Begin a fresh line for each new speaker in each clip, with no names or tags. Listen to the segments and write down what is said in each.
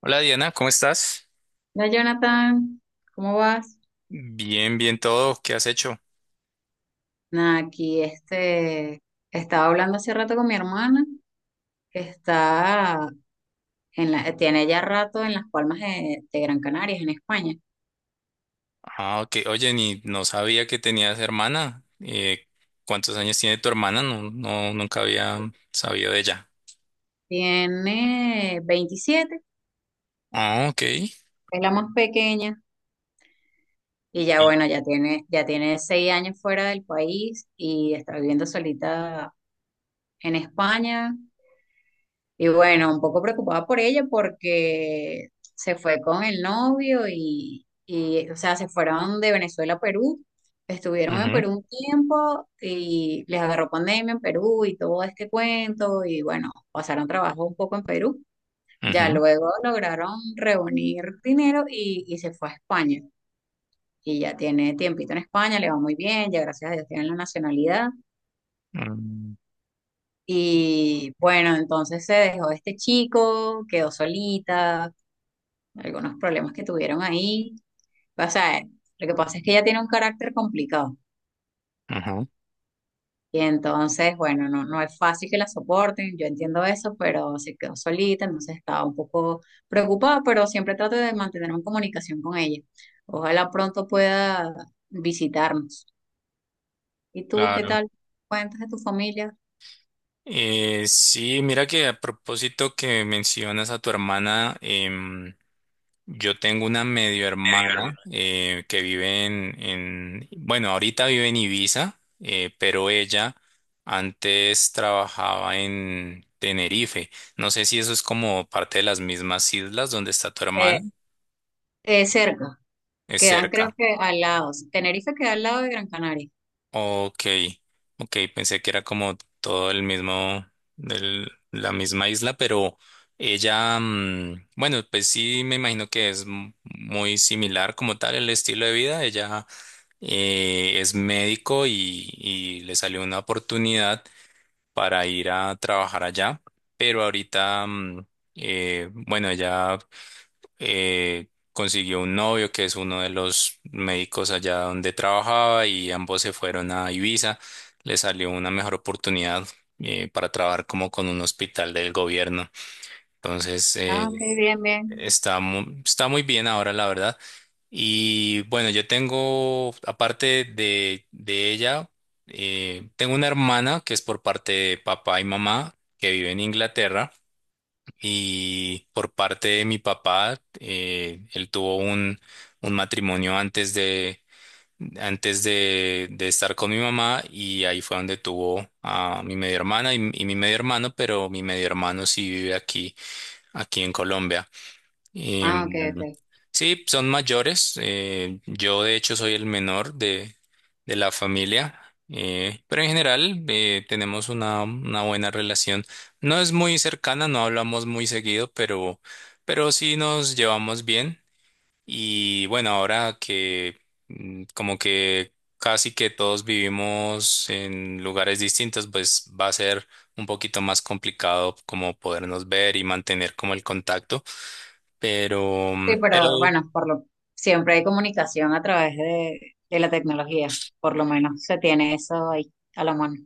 Hola Diana, ¿cómo estás?
Hola Jonathan, ¿cómo vas?
Bien, bien todo. ¿Qué has hecho?
Nada, aquí estaba hablando hace rato con mi hermana, que está tiene ya rato en las Palmas de Gran Canarias, en España.
Ah, ok. Oye, ni no sabía que tenías hermana. ¿Cuántos años tiene tu hermana? No, no, nunca había sabido de ella.
Tiene 27,
Ah, ok.
es la más pequeña, y ya
Y-
bueno, ya tiene 6 años fuera del país y está viviendo solita en España. Y bueno, un poco preocupada por ella porque se fue con el novio o sea, se fueron de Venezuela a Perú, estuvieron en
ujú,
Perú un tiempo y les agarró pandemia en Perú y todo este cuento y bueno, pasaron trabajo un poco en Perú. Ya
ujú,
luego lograron reunir dinero y se fue a España. Y ya tiene tiempito en España, le va muy bien, ya gracias a Dios tiene la nacionalidad.
mm,
Y bueno, entonces se dejó de este chico, quedó solita, algunos problemas que tuvieron ahí. O sea, lo que pasa es que ella tiene un carácter complicado
ujú,
y entonces, bueno, no es fácil que la soporten, yo entiendo eso, pero se quedó solita, entonces estaba un poco preocupada, pero siempre trato de mantener una comunicación con ella. Ojalá pronto pueda visitarnos. ¿Y tú qué
claro.
tal? ¿Cuentas de tu familia?
Sí, mira que a propósito que mencionas a tu hermana, yo tengo una medio hermana, que vive en, bueno, ahorita vive en Ibiza, pero ella antes trabajaba en Tenerife. No sé si eso es como parte de las mismas islas donde está tu hermana.
Eh, cerca,
Es
quedan creo
cerca.
que al lado. Tenerife queda al lado de Gran Canaria.
Ok, ok, pensé que era como todo el mismo, la misma isla, pero ella, bueno, pues sí, me imagino que es muy similar como tal el estilo de vida. Ella es médico y le salió una oportunidad para ir a trabajar allá, pero ahorita, bueno, ella consiguió un novio que es uno de los médicos allá donde trabajaba y ambos se fueron a Ibiza, le salió una mejor oportunidad para trabajar como con un hospital del gobierno. Entonces, eh,
Ah, ok, bien, bien.
Está muy, está muy bien ahora, la verdad. Y bueno, yo tengo, aparte de ella, tengo una hermana que es por parte de papá y mamá, que vive en Inglaterra. Y por parte de mi papá, él tuvo un matrimonio antes de estar con mi mamá y ahí fue donde tuvo a mi media hermana y mi medio hermano, pero mi medio hermano sí vive aquí, aquí en Colombia.
Ah, ok,
Em,
ok.
sí, son mayores. Yo de hecho soy el menor de la familia, pero en general tenemos una buena relación. No es muy cercana, no hablamos muy seguido, pero sí nos llevamos bien. Y bueno, ahora que, como que casi que todos vivimos en lugares distintos, pues va a ser un poquito más complicado como podernos ver y mantener como el contacto. Pero,
Sí,
mm,
pero
pero
bueno, siempre hay comunicación a través de la tecnología. Por lo menos se tiene eso ahí a la mano.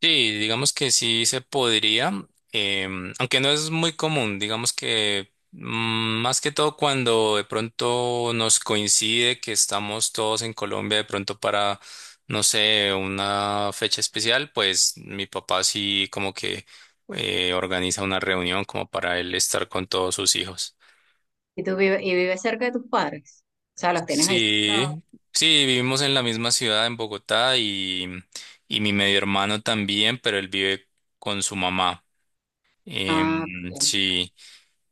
sí, digamos que sí se podría, aunque no es muy común, digamos que, más que todo cuando de pronto nos coincide que estamos todos en Colombia de pronto para, no sé, una fecha especial, pues mi papá sí como que organiza una reunión como para él estar con todos sus hijos.
¿Y tú vives, y vives cerca de tus padres? O sea, los tienes ahí cerca.
Sí, sí, vivimos en la misma ciudad, en Bogotá, y mi medio hermano también, pero él vive con su mamá.
Ah, ok.
Sí,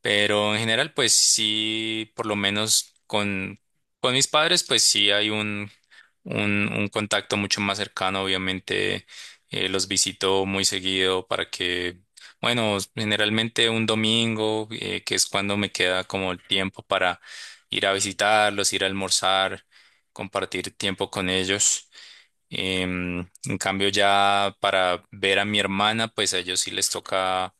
pero en general, pues sí, por lo menos con mis padres, pues sí hay un contacto mucho más cercano, obviamente los visito muy seguido para que, bueno, generalmente un domingo, que es cuando me queda como el tiempo para ir a visitarlos, ir a almorzar, compartir tiempo con ellos. Em, en cambio, ya para ver a mi hermana, pues a ellos sí les toca,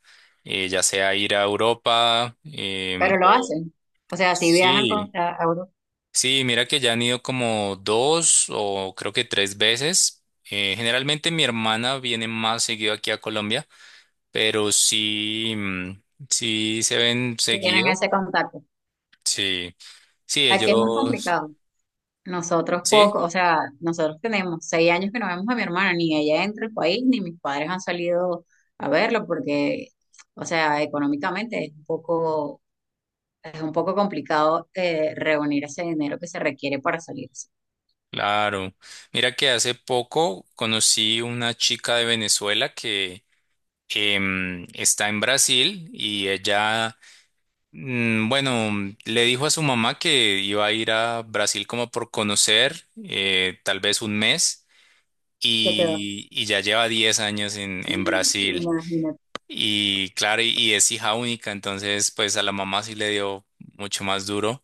ya sea ir a Europa,
Pero lo
o
hacen. O sea, si viajan
sí,
a Europa,
sí, mira que ya han ido como dos o creo que tres veces. Generalmente mi hermana viene más seguido aquí a Colombia, pero sí, sí se ven
sí tienen
seguido.
ese contacto.
Sí, sí,
Aquí es más
ellos,
complicado. Nosotros poco,
sí,
o sea, nosotros tenemos 6 años que no vemos a mi hermana, ni ella entra al país, ni mis padres han salido a verlo porque, o sea, económicamente es un poco complicado reunir ese dinero que se requiere para salirse.
claro. Mira que hace poco conocí una chica de Venezuela que, está en Brasil y ella, bueno, le dijo a su mamá que iba a ir a Brasil como por conocer, tal vez un mes.
Ya quedó.
Y ya lleva 10 años en Brasil
Imagínate.
y claro, y es hija única, entonces pues a la mamá sí le dio mucho más duro.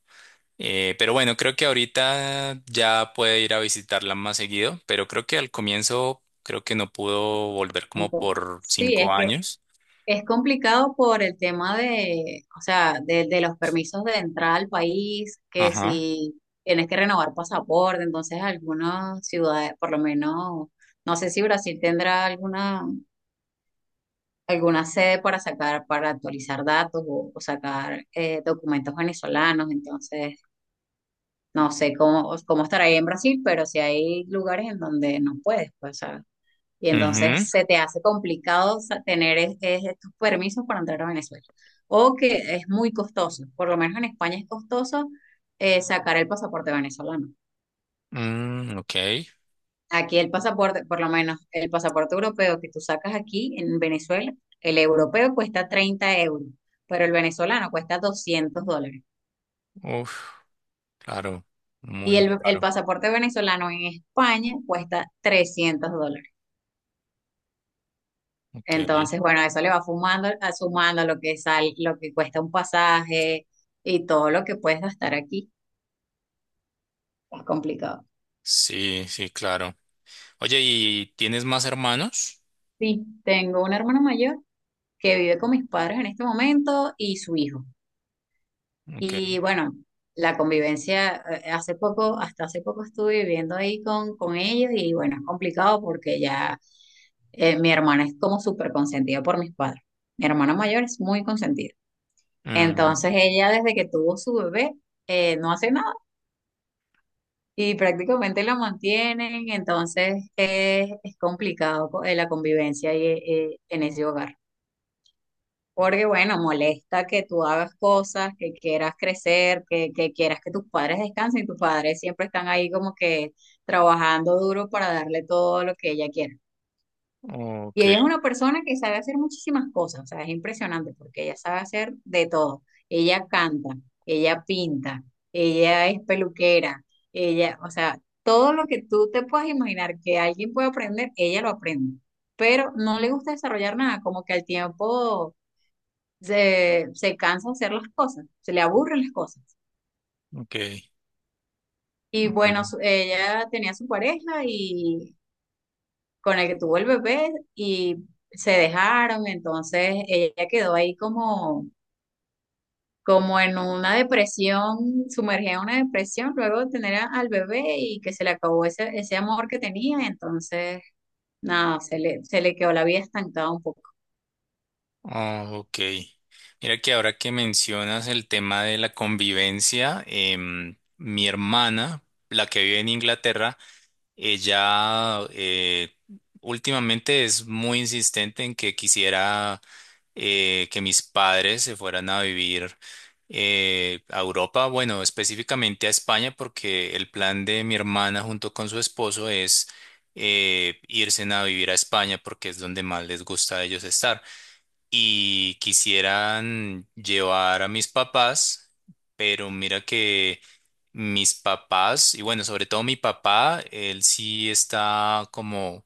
Pero bueno, creo que ahorita ya puede ir a visitarla más seguido, pero creo que al comienzo creo que no pudo volver como
Entonces,
por
sí, es
cinco
que
años.
es complicado por el tema o sea, de los permisos de entrada al país, que
Ajá.
si tienes que renovar pasaporte, entonces algunas ciudades, por lo menos, no sé si Brasil tendrá alguna, alguna sede para sacar, para actualizar datos o sacar documentos venezolanos, entonces no sé cómo estará ahí en Brasil, pero si hay lugares en donde no puedes, pues, o sea, y
Ujú.
entonces se te hace complicado tener estos permisos para entrar a Venezuela. O que es muy costoso, por lo menos en España es costoso sacar el pasaporte venezolano.
Mm, ok.
Aquí el pasaporte, por lo menos el pasaporte europeo que tú sacas aquí en Venezuela, el europeo cuesta 30 euros, pero el venezolano cuesta $200.
Uf, claro.
Y
Muy
el
claro
pasaporte venezolano en España cuesta $300.
caro. Ok.
Entonces, bueno, eso le va fumando, sumando a lo que lo que cuesta un pasaje y todo lo que puedes gastar aquí. Es complicado.
Sí, sí, claro. Oye, ¿y tienes más hermanos?
Sí, tengo un hermano mayor que vive con mis padres en este momento y su hijo.
Ok.
Y bueno, la convivencia, hace poco, hasta hace poco estuve viviendo ahí con ellos y bueno, es complicado porque ya mi hermana es como súper consentida por mis padres. Mi hermana mayor es muy consentida.
Mm,
Entonces, ella desde que tuvo su bebé, no hace nada y prácticamente lo mantienen, entonces es complicado la convivencia ahí, en ese hogar. Porque bueno, molesta que tú hagas cosas, que quieras crecer, que quieras que tus padres descansen y tus padres siempre están ahí como que trabajando duro para darle todo lo que ella quiere. Y
ok,
ella es una persona que sabe hacer muchísimas cosas, o sea, es impresionante porque ella sabe hacer de todo. Ella canta, ella pinta, ella es peluquera, ella, o sea, todo lo que tú te puedas imaginar que alguien puede aprender, ella lo aprende. Pero no le gusta desarrollar nada, como que al tiempo se cansa de hacer las cosas, se le aburren las cosas.
ok.
Y bueno,
Ujú.
ella tenía su pareja y con el que tuvo el bebé y se dejaron, entonces ella quedó ahí como, como en una depresión, sumergida en una depresión luego de tener al bebé y que se le acabó ese amor que tenía, entonces nada, se le quedó la vida estancada un poco.
Ah, ok. Mira que ahora que mencionas el tema de la convivencia, mi hermana, la que vive en Inglaterra, ella últimamente es muy insistente en que quisiera que mis padres se fueran a vivir a Europa, bueno, específicamente a España, porque el plan de mi hermana junto con su esposo es, irse a vivir a España porque es donde más les gusta a ellos estar y quisieran llevar a mis papás, pero mira que mis papás, y bueno, sobre todo mi papá, él sí está como,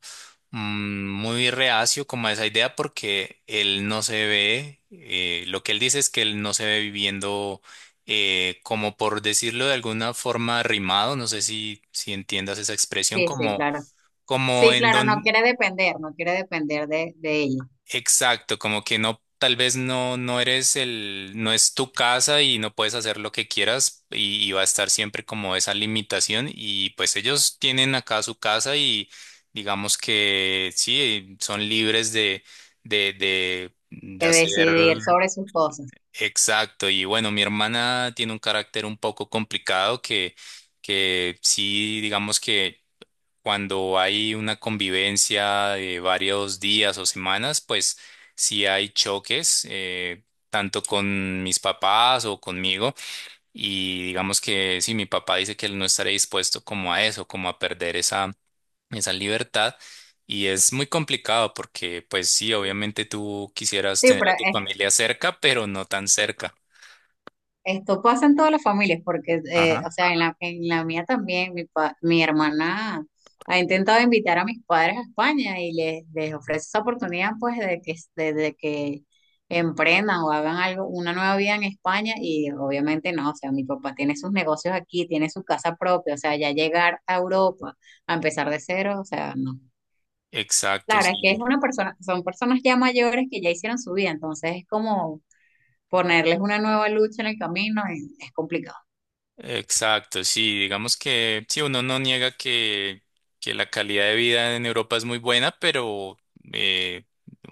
muy reacio como a esa idea porque él no se ve, lo que él dice es que él no se ve viviendo, como por decirlo de alguna forma, arrimado. No sé si entiendas esa expresión,
Sí, sí,
como,
claro.
como
Sí,
en
claro,
don...
no quiere depender de ella,
Exacto, como que no, tal vez no, no eres no es tu casa y no puedes hacer lo que quieras, y va a estar siempre como esa limitación y pues ellos tienen acá su casa y digamos que sí, son libres de
de
hacer.
decidir sobre sus cosas.
Exacto, y bueno, mi hermana tiene un carácter un poco complicado que sí, digamos que cuando hay una convivencia de varios días o semanas, pues sí hay choques, tanto con mis papás o conmigo. Y digamos que sí, mi papá dice que él no estaría dispuesto como a eso, como a perder esa libertad. Y es muy complicado porque, pues sí, obviamente tú quisieras
Sí,
tener
pero
a tu familia cerca, pero no tan cerca.
esto pasa en todas las familias, porque,
Ajá.
o sea, en la mía también, mi hermana ha intentado invitar a mis padres a España y les ofrece esa oportunidad, pues, de que emprendan o hagan algo, una nueva vida en España y obviamente no, o sea, mi papá tiene sus negocios aquí, tiene su casa propia, o sea, ya llegar a Europa a empezar de cero, o sea, no.
Exacto,
Claro,
sí.
es que es una persona, son personas ya mayores que ya hicieron su vida, entonces es como ponerles una nueva lucha en el camino, y es complicado.
Exacto, sí, digamos que sí, uno no niega que la calidad de vida en Europa es muy buena, pero, eh,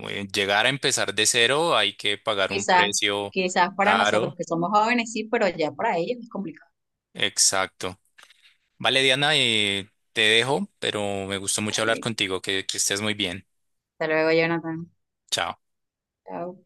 llegar a empezar de cero hay que pagar un
Quizás,
precio
quizás para nosotros
caro.
que somos jóvenes sí, pero ya para ellos es complicado.
Exacto. Vale, Diana, te dejo, pero me gustó mucho hablar
Dale.
contigo, que estés muy bien.
Hasta luego, Jonathan.
Chao.
Chao.